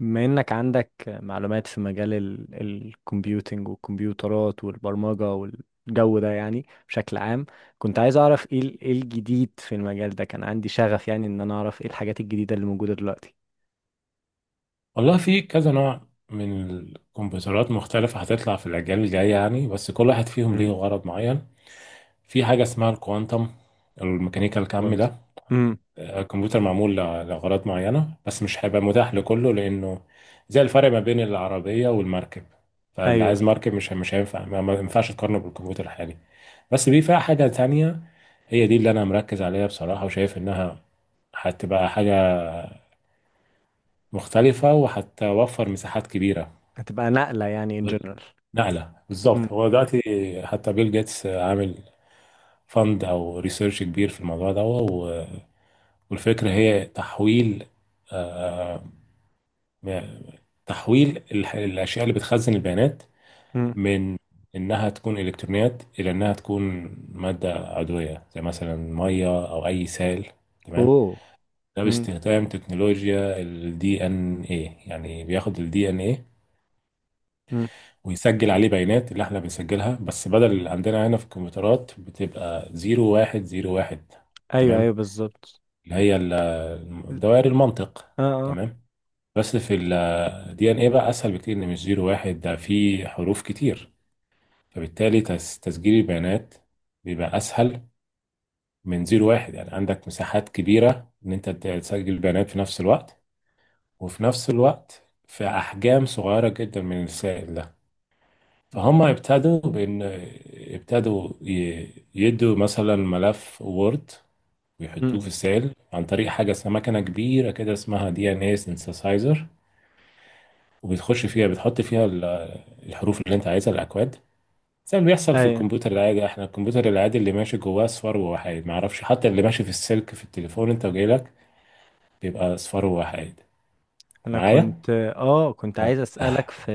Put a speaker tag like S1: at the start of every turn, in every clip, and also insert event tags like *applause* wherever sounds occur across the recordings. S1: بما انك عندك معلومات في مجال الكمبيوتينج والكمبيوترات والبرمجة والجو ده، يعني، بشكل عام، كنت عايز اعرف ايه إيه الجديد في المجال ده. كان عندي شغف، يعني، ان انا اعرف ايه الحاجات الجديدة اللي موجودة دلوقتي.
S2: والله في كذا نوع من الكمبيوترات مختلفة هتطلع في الأجيال الجاية يعني بس كل واحد فيهم ليه
S1: امم
S2: غرض معين. في حاجة اسمها الكوانتم، الميكانيكا الكم
S1: كنت
S2: ده.
S1: امم
S2: الكمبيوتر معمول لأغراض معينة بس مش هيبقى متاح لكله لأنه زي الفرق ما بين العربية والمركب. فاللي عايز
S1: ايوه،
S2: مركب مش هينفع ما ينفعش تقارنه بالكمبيوتر الحالي. بس فيها حاجة تانية، هي دي اللي أنا مركز عليها بصراحة، وشايف إنها هتبقى حاجة مختلفة وهتوفر مساحات كبيرة.
S1: هتبقى نقلة يعني، ان جنرال.
S2: نقلة بالظبط.
S1: امم.
S2: هو دلوقتي حتى بيل جيتس عامل فند او ريسيرش كبير في الموضوع ده والفكرة هي تحويل، آه، م- تحويل الاشياء اللي بتخزن البيانات
S1: امم.
S2: من انها تكون الكترونيات الى انها تكون مادة عضوية زي مثلا مية او اي سائل. تمام.
S1: اوه.
S2: ده
S1: امم.
S2: باستخدام تكنولوجيا الدي ان ايه. يعني بياخد الدي ان ايه
S1: امم.
S2: ويسجل عليه بيانات اللي احنا بنسجلها، بس بدل اللي عندنا هنا في الكمبيوترات بتبقى زيرو واحد زيرو واحد.
S1: ايوه ايوه
S2: تمام.
S1: بالظبط.
S2: اللي هي دوائر المنطق.
S1: اه اه.
S2: تمام. بس في الدي ان ايه بقى اسهل بكتير، ان مش زيرو واحد ده فيه حروف كتير، فبالتالي تسجيل البيانات بيبقى اسهل من زيرو واحد. يعني عندك مساحات كبيرة ان انت تسجل البيانات في نفس الوقت، وفي نفس الوقت في احجام صغيرة جدا من السائل ده. فهم ابتدوا بإن، ابتدوا يدوا مثلا ملف وورد
S1: امم.
S2: ويحطوه في السيل عن طريق حاجة اسمها مكنة كبيرة كده اسمها دي ان اي سينثسايزر، وبتخش فيها، بتحط فيها الحروف اللي انت عايزها، الأكواد، زي اللي بيحصل في
S1: ايوه.
S2: الكمبيوتر العادي. احنا الكمبيوتر العادي اللي ماشي جواه صفار ووحيد، معرفش حتى اللي ماشي في السلك في التليفون انت وجايلك بيبقى صفار ووحيد.
S1: انا
S2: معايا؟
S1: كنت، كنت
S2: اه.
S1: عايز اسألك في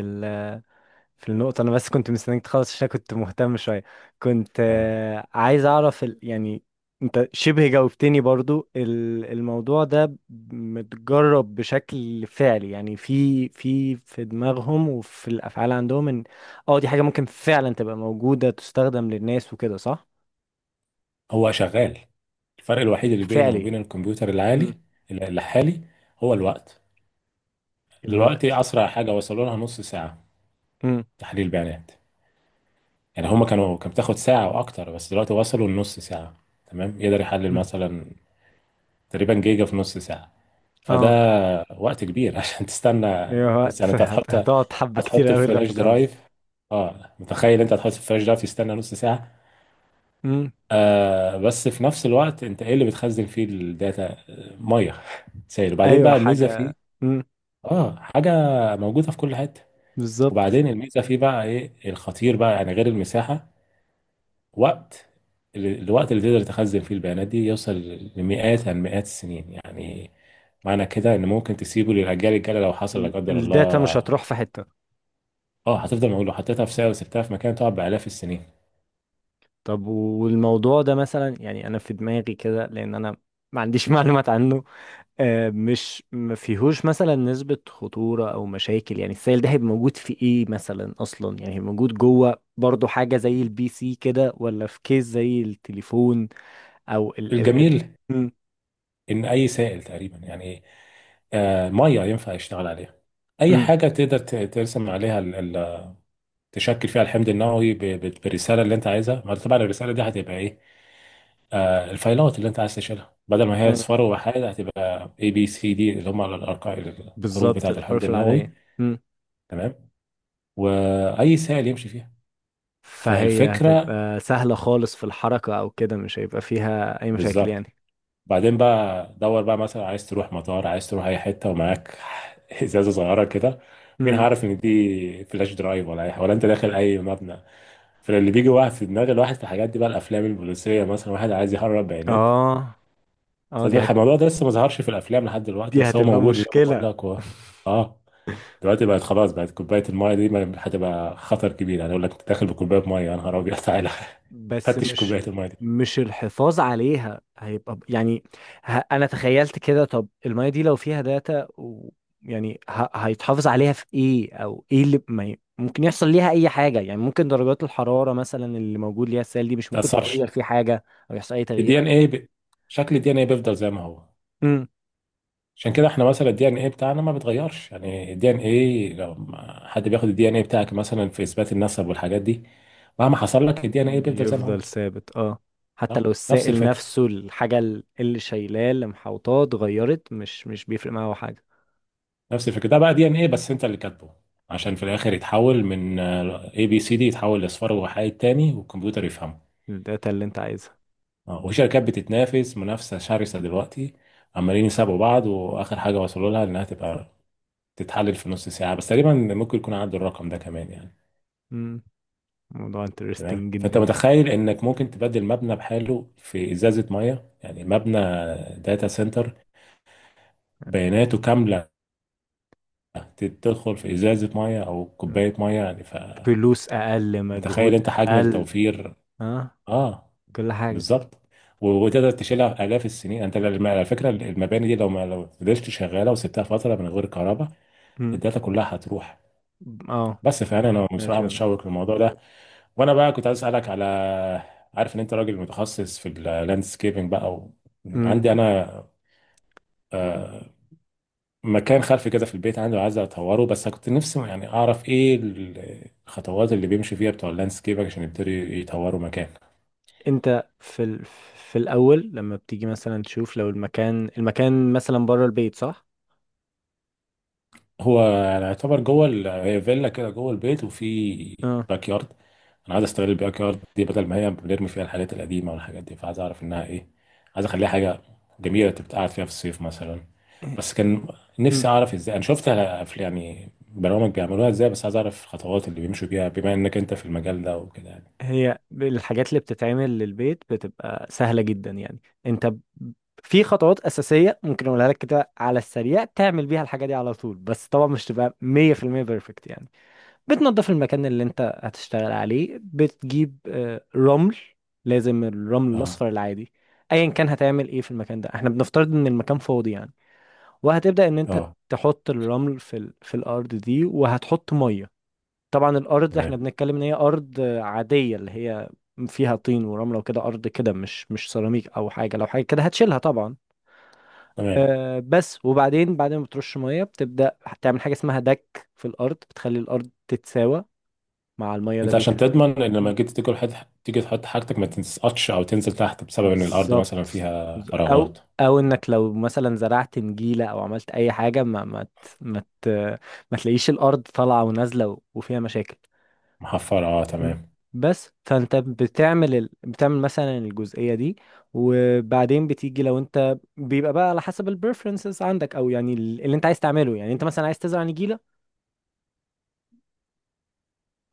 S1: في النقطة. أنا بس كنت مستنيك تخلص عشان كنت مهتم شوية. كنت
S2: آه.
S1: عايز أعرف يعني. أنت شبه جاوبتني برضو الموضوع ده متجرب بشكل فعلي، يعني، في دماغهم وفي الأفعال عندهم، إن أه دي حاجة ممكن فعلا تبقى موجودة تستخدم للناس وكده، صح؟
S2: هو شغال، الفرق الوحيد اللي بينه
S1: فعلي.
S2: وبين الكمبيوتر
S1: مم.
S2: الحالي هو الوقت. دلوقتي
S1: الوقت.
S2: اسرع حاجه وصلوا لها نص ساعه،
S1: مم.
S2: تحليل بيانات. يعني هما كان بتاخد ساعه واكتر، بس دلوقتي وصلوا لنص ساعه. تمام، يقدر يحلل
S1: مم.
S2: مثلا تقريبا جيجا في نص ساعه. فده
S1: أه.
S2: وقت كبير *laughs* عشان تستنى
S1: أيوة،
S2: نص، يعني
S1: وقت.
S2: انت هتحط،
S1: هتقعد حبة
S2: هتحط
S1: كتير أوي لغاية
S2: الفلاش
S1: ما تخلص.
S2: درايف. اه متخيل؟ انت هتحط الفلاش درايف تستنى نص ساعه.
S1: مم.
S2: آه بس في نفس الوقت انت ايه اللي بتخزن فيه الداتا؟ ميه، سائل. وبعدين
S1: أيوة،
S2: بقى الميزه فيه،
S1: حاجة. مم.
S2: اه، حاجه موجوده في كل حته.
S1: بالظبط.
S2: وبعدين الميزه فيه بقى ايه الخطير بقى يعني غير المساحه؟ وقت. الوقت اللي تقدر تخزن فيه البيانات دي يوصل لمئات عن مئات السنين يعني. معنى كده ان ممكن تسيبه للاجيال الجايه لو حصل لا قدر
S1: الداتا مش
S2: الله.
S1: هتروح في حتة.
S2: اه هتفضل، معقول لو حطيتها في سائل وسبتها في مكان تقعد بالاف السنين.
S1: طب والموضوع ده مثلا، يعني، انا في دماغي كده لان انا ما عنديش *laughs* معلومات عنه. مش ما فيهوش مثلا نسبة خطورة او مشاكل، يعني السائل ده هيبقى موجود في ايه مثلا اصلا؟ يعني هيبقى موجود جوه برضو حاجة زي البي سي كده، ولا في كيس زي التليفون او ال.
S2: الجميل
S1: مم.
S2: ان اي سائل تقريبا يعني، ميه، ينفع يشتغل عليها. اي
S1: مم.
S2: حاجه تقدر ترسم عليها، تشكل فيها الحمض النووي بالرساله اللي انت عايزها. ما طبعا الرساله دي هتبقى ايه؟ آه الفايلات اللي انت عايز تشيلها بدل ما هي
S1: أيوة.
S2: اصفار وحاجه هتبقى اي بي سي دي، اللي هم الارقام، الحروف
S1: بالظبط
S2: بتاعه الحمض
S1: الحروف
S2: النووي.
S1: العادية. مم.
S2: تمام، واي سائل يمشي فيها.
S1: فهي
S2: فالفكره
S1: هتبقى سهلة خالص في الحركة او كده، مش هيبقى فيها اي مشاكل
S2: بالظبط،
S1: يعني.
S2: بعدين بقى دور بقى مثلا، عايز تروح مطار، عايز تروح اي حته ومعاك *laughs* ازازه صغيره كده، مين
S1: مم.
S2: هعرف ان دي فلاش درايف ولا اي حاجه ولا انت داخل اي مبنى؟ فاللي بيجي واحد في دماغ الواحد في الحاجات دي بقى الافلام البوليسيه، مثلا واحد عايز يهرب بيانات.
S1: اه
S2: بس
S1: اه.
S2: الموضوع ده لسه ما ظهرش في الافلام لحد دلوقتي،
S1: دي
S2: بس هو
S1: هتبقى
S2: موجود زي ما بقول
S1: مشكلة.
S2: لك و... اه دلوقتي بقت خلاص، بقت كوبايه المايه دي هتبقى خطر كبير يعني، اقول لك انت داخل بكوبايه مايه، يا نهار ابيض، تعالى *laughs*
S1: بس
S2: فتش كوبايه
S1: مش
S2: المايه دي ما
S1: مش الحفاظ عليها هيبقى ب-، يعني، انا تخيلت كده، طب المية دي لو فيها داتا و...، يعني، هيتحافظ عليها في ايه؟ او ايه اللي ما ي... ممكن يحصل ليها اي حاجة؟ يعني ممكن درجات الحرارة مثلا اللي موجود ليها السائل دي مش ممكن
S2: تاثرش
S1: تغير فيه حاجة او يحصل اي تغيير
S2: الدي
S1: أو
S2: ان
S1: كده.
S2: اي شكل الدي ان اي بيفضل زي ما هو.
S1: امم.
S2: عشان كده احنا مثلا الدي ان ايه بتاعنا ما بيتغيرش. يعني الدي ان ايه لو حد بياخد الدي ان ايه بتاعك مثلا في اثبات النسب والحاجات دي، مهما حصل لك الدي ان ايه بيفضل زي ما هو.
S1: بيفضل ثابت، اه. حتى
S2: صح،
S1: لو
S2: نفس
S1: السائل
S2: الفكره.
S1: نفسه، الحاجة اللي شايلاه اللي محوطاه اتغيرت، مش بيفرق معاه حاجة.
S2: نفس الفكره، ده بقى دي ان ايه بس انت اللي كاتبه، عشان في الاخر يتحول من اي بي سي دي، يتحول لاصفار وحايد تاني والكمبيوتر يفهمه.
S1: الداتا اللي انت عايزها.
S2: اه، وشركات بتتنافس منافسه شرسه دلوقتي، عمالين يسابقوا بعض، واخر حاجه وصلوا لها انها تبقى تتحلل في نص ساعه بس تقريبا، ممكن يكون عدوا الرقم ده كمان يعني.
S1: مم. موضوع
S2: تمام،
S1: انترستنج
S2: فانت
S1: جدا.
S2: متخيل انك ممكن تبدل مبنى بحاله في ازازه ميه يعني، مبنى داتا سنتر، بياناته كامله تدخل في ازازه ميه او كوبايه ميه يعني.
S1: فلوس اقل،
S2: فمتخيل
S1: مجهود
S2: انت حجم
S1: اقل.
S2: التوفير
S1: اه.
S2: اه
S1: كل حاجه.
S2: بالظبط. وتقدر تشيلها الاف السنين. انت على فكره المباني دي لو ما لو فضلت شغاله وسبتها فتره من غير كهرباء
S1: مم.
S2: الداتا كلها هتروح.
S1: اه.
S2: بس فانا،
S1: سمعت
S2: بصراحه
S1: كده.
S2: متشوق للموضوع ده. وانا بقى كنت عايز اسالك على، عارف ان انت راجل متخصص في اللاندسكيبنج بقى و...
S1: مم.
S2: عندي انا آه، مكان خلفي كده في البيت عندي، وعايز اطوره، بس كنت نفسي يعني اعرف ايه الخطوات اللي بيمشي فيها بتوع اللاندسكيب عشان يبتدي يطوروا مكان.
S1: انت في في الاول، لما بتيجي مثلا تشوف لو المكان، مثلا بره البيت، صح؟
S2: هو يعني يعتبر جوه هي فيلا كده جوه البيت، وفي
S1: اه.
S2: باك يارد. انا عايز استغل الباك يارد دي بدل ما هي بنرمي فيها الحاجات القديمه والحاجات دي، فعايز اعرف انها ايه، عايز اخليها حاجه جميله تبقى قاعد فيها في الصيف مثلا. بس كان
S1: مم.
S2: نفسي اعرف ازاي. انا شفت يعني برامج بيعملوها ازاي، بس عايز اعرف الخطوات اللي بيمشوا بيها بما انك انت في المجال ده وكده يعني.
S1: هي الحاجات اللي بتتعمل للبيت بتبقى سهله جدا، يعني انت ب-، في خطوات اساسيه ممكن اقولها لك كده على السريع، تعمل بيها الحاجه دي على طول، بس طبعا مش تبقى 100% بيرفكت يعني. بتنظف المكان اللي انت هتشتغل عليه، بتجيب رمل. لازم الرمل
S2: اه
S1: الاصفر العادي. ايا كان هتعمل ايه في المكان ده، احنا بنفترض ان المكان فاضي يعني. وهتبدأ ان انت
S2: اه.
S1: تحط الرمل في في الارض دي، وهتحط ميه. طبعا الارض احنا
S2: تمام
S1: بنتكلم ان هي ارض عادية، اللي هي فيها طين ورملة وكده، ارض كده، مش مش سيراميك او حاجة. لو حاجة كده هتشيلها طبعا.
S2: تمام.
S1: أه بس، وبعدين بعد ما بترش ميه، بتبدأ تعمل حاجة اسمها دك في الارض، بتخلي الارض تتساوى مع المية. ده
S2: انت عشان
S1: بيخلي
S2: تضمن ان لما جيت تيجي تحط، تيجي تحط حاجتك ما تسقطش او تنزل تحت بسبب ان الارض مثلا
S1: بالظبط،
S2: فيها
S1: او
S2: فراغات،
S1: او انك لو مثلا زرعت نجيلة او عملت اي حاجة، ما تلاقيش الارض طالعة ونازلة وفيها مشاكل.
S2: محفرة، اه
S1: مم.
S2: تمام.
S1: بس فانت بتعمل بتعمل مثلا الجزئية دي. وبعدين بتيجي، لو انت بيبقى بقى على حسب البريفرنسز عندك، او يعني اللي انت عايز تعمله. يعني انت مثلا عايز تزرع نجيلة،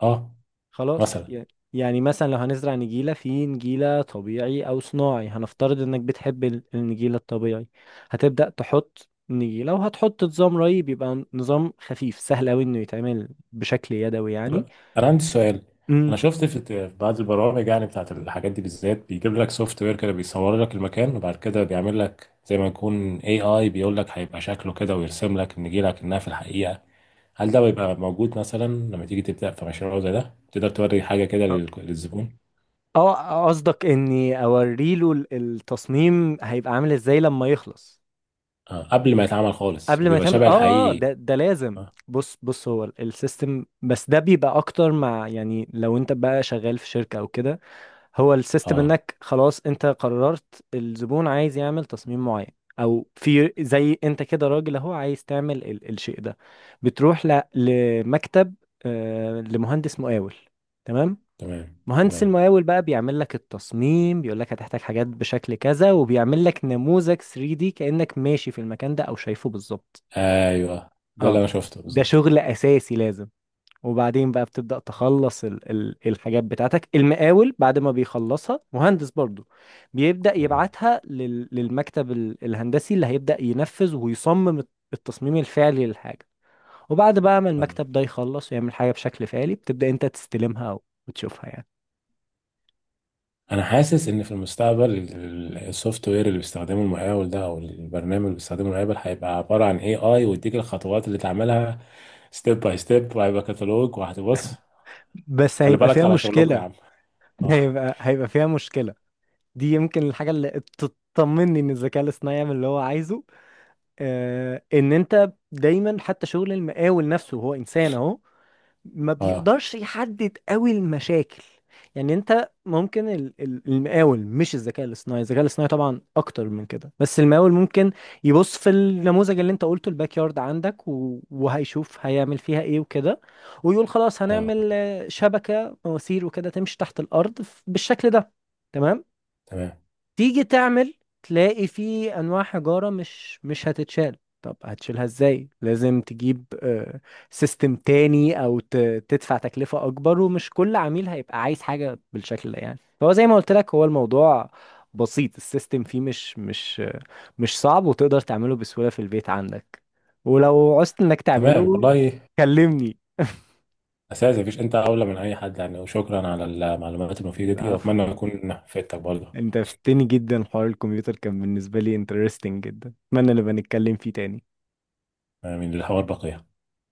S2: اه
S1: خلاص.
S2: مثلا.
S1: يعني مثلا لو هنزرع نجيلة، في نجيلة طبيعي أو صناعي، هنفترض إنك بتحب النجيلة الطبيعي. هتبدأ تحط نجيلة، وهتحط نظام ري، بيبقى نظام خفيف سهل أوي إنه يتعمل بشكل يدوي يعني.
S2: طب انا عندي سؤال،
S1: امم.
S2: انا شفت في في بعض البرامج يعني بتاعت الحاجات دي بالذات بيجيب لك سوفت وير كده بيصور لك المكان، وبعد كده بيعمل لك زي ما يكون اي اي، بيقول لك هيبقى شكله كده ويرسم لك النجيلة كأنها في الحقيقة. هل ده بيبقى موجود مثلا لما تيجي تبدأ في مشروع زي ده، تقدر توري حاجة كده
S1: أ-
S2: للزبون؟
S1: اه قصدك إني أوريله التصميم هيبقى عامل إزاي لما يخلص.
S2: آه قبل ما يتعمل خالص،
S1: قبل ما
S2: وبيبقى
S1: يتعمل،
S2: شبه
S1: اه،
S2: الحقيقي.
S1: ده لازم. بص هو السيستم بس ده بيبقى أكتر مع، يعني لو أنت بقى شغال في شركة أو كده. هو السيستم
S2: اه
S1: انك خلاص انت قررت الزبون عايز يعمل تصميم معين، او في زي انت كده، راجل اهو عايز تعمل ال الشيء ده. بتروح لمكتب، آه، لمهندس مقاول، تمام.
S2: تمام
S1: مهندس
S2: تمام.
S1: المقاول بقى بيعمل لك التصميم، بيقول لك هتحتاج حاجات بشكل كذا، وبيعمل لك نموذج 3D كأنك ماشي في المكان ده او شايفه بالظبط.
S2: ايوه ده اللي
S1: اه.
S2: انا شفته
S1: ده
S2: بالظبط.
S1: شغل اساسي لازم. وبعدين بقى بتبدأ تخلص ال ال الحاجات بتاعتك. المقاول بعد ما بيخلصها، مهندس برضو بيبدأ
S2: تمام.
S1: يبعتها للمكتب الهندسي، اللي هيبدأ ينفذ ويصمم التصميم الفعلي للحاجة. وبعد بقى ما
S2: آه.
S1: المكتب ده يخلص ويعمل حاجة بشكل فعلي، بتبدأ انت تستلمها او وتشوفها يعني.
S2: انا حاسس ان في المستقبل السوفت وير اللي بيستخدمه المقاول ده، او البرنامج اللي بيستخدمه المقاول هيبقى عباره عن اي اي، ويديك الخطوات اللي تعملها ستيب باي ستيب، وهيبقى كتالوج وهتبص.
S1: بس
S2: خلي
S1: هيبقى
S2: بالك
S1: فيها
S2: على شغلكم يا
S1: مشكلة.
S2: عم.
S1: *laughs*
S2: اه
S1: هيبقى فيها مشكلة. دي يمكن الحاجة اللي تطمني ان الذكاء الاصطناعي يعمل اللي هو عايزه. آه، ان انت دايما، حتى شغل المقاول نفسه، هو انسان اهو، ما
S2: اه
S1: بيقدرش يحدد قوي المشاكل. يعني انت ممكن المقاول، مش الذكاء الاصطناعي، الذكاء الاصطناعي طبعا اكتر من كده، بس المقاول ممكن يبص في النموذج اللي انت قلته، الباك يارد عندك، وهيشوف هيعمل فيها ايه وكده، ويقول خلاص
S2: اه.
S1: هنعمل، شبكة مواسير وكده تمشي تحت الارض بالشكل ده. تمام.
S2: تمام
S1: تيجي تعمل، تلاقي في انواع حجارة مش هتتشال. طب هتشيلها ازاي؟ لازم تجيب سيستم تاني، او تدفع تكلفة اكبر. ومش كل عميل هيبقى عايز حاجة بالشكل ده يعني. فهو زي ما قلت لك، هو الموضوع بسيط، السيستم فيه مش صعب، وتقدر تعمله بسهولة في البيت عندك. ولو عوزت انك
S2: تمام.
S1: تعمله
S2: والله
S1: كلمني.
S2: اساسا مفيش، انت اولى من اي حد يعني، وشكرا على المعلومات المفيده دي، واتمنى
S1: العفو.
S2: اكون فدتك برضه.
S1: انت فتني جدا، حوار الكمبيوتر كان بالنسبة لي انترستنج جدا، اتمنى نبقى نتكلم فيه تاني.
S2: من الحوار بقيه.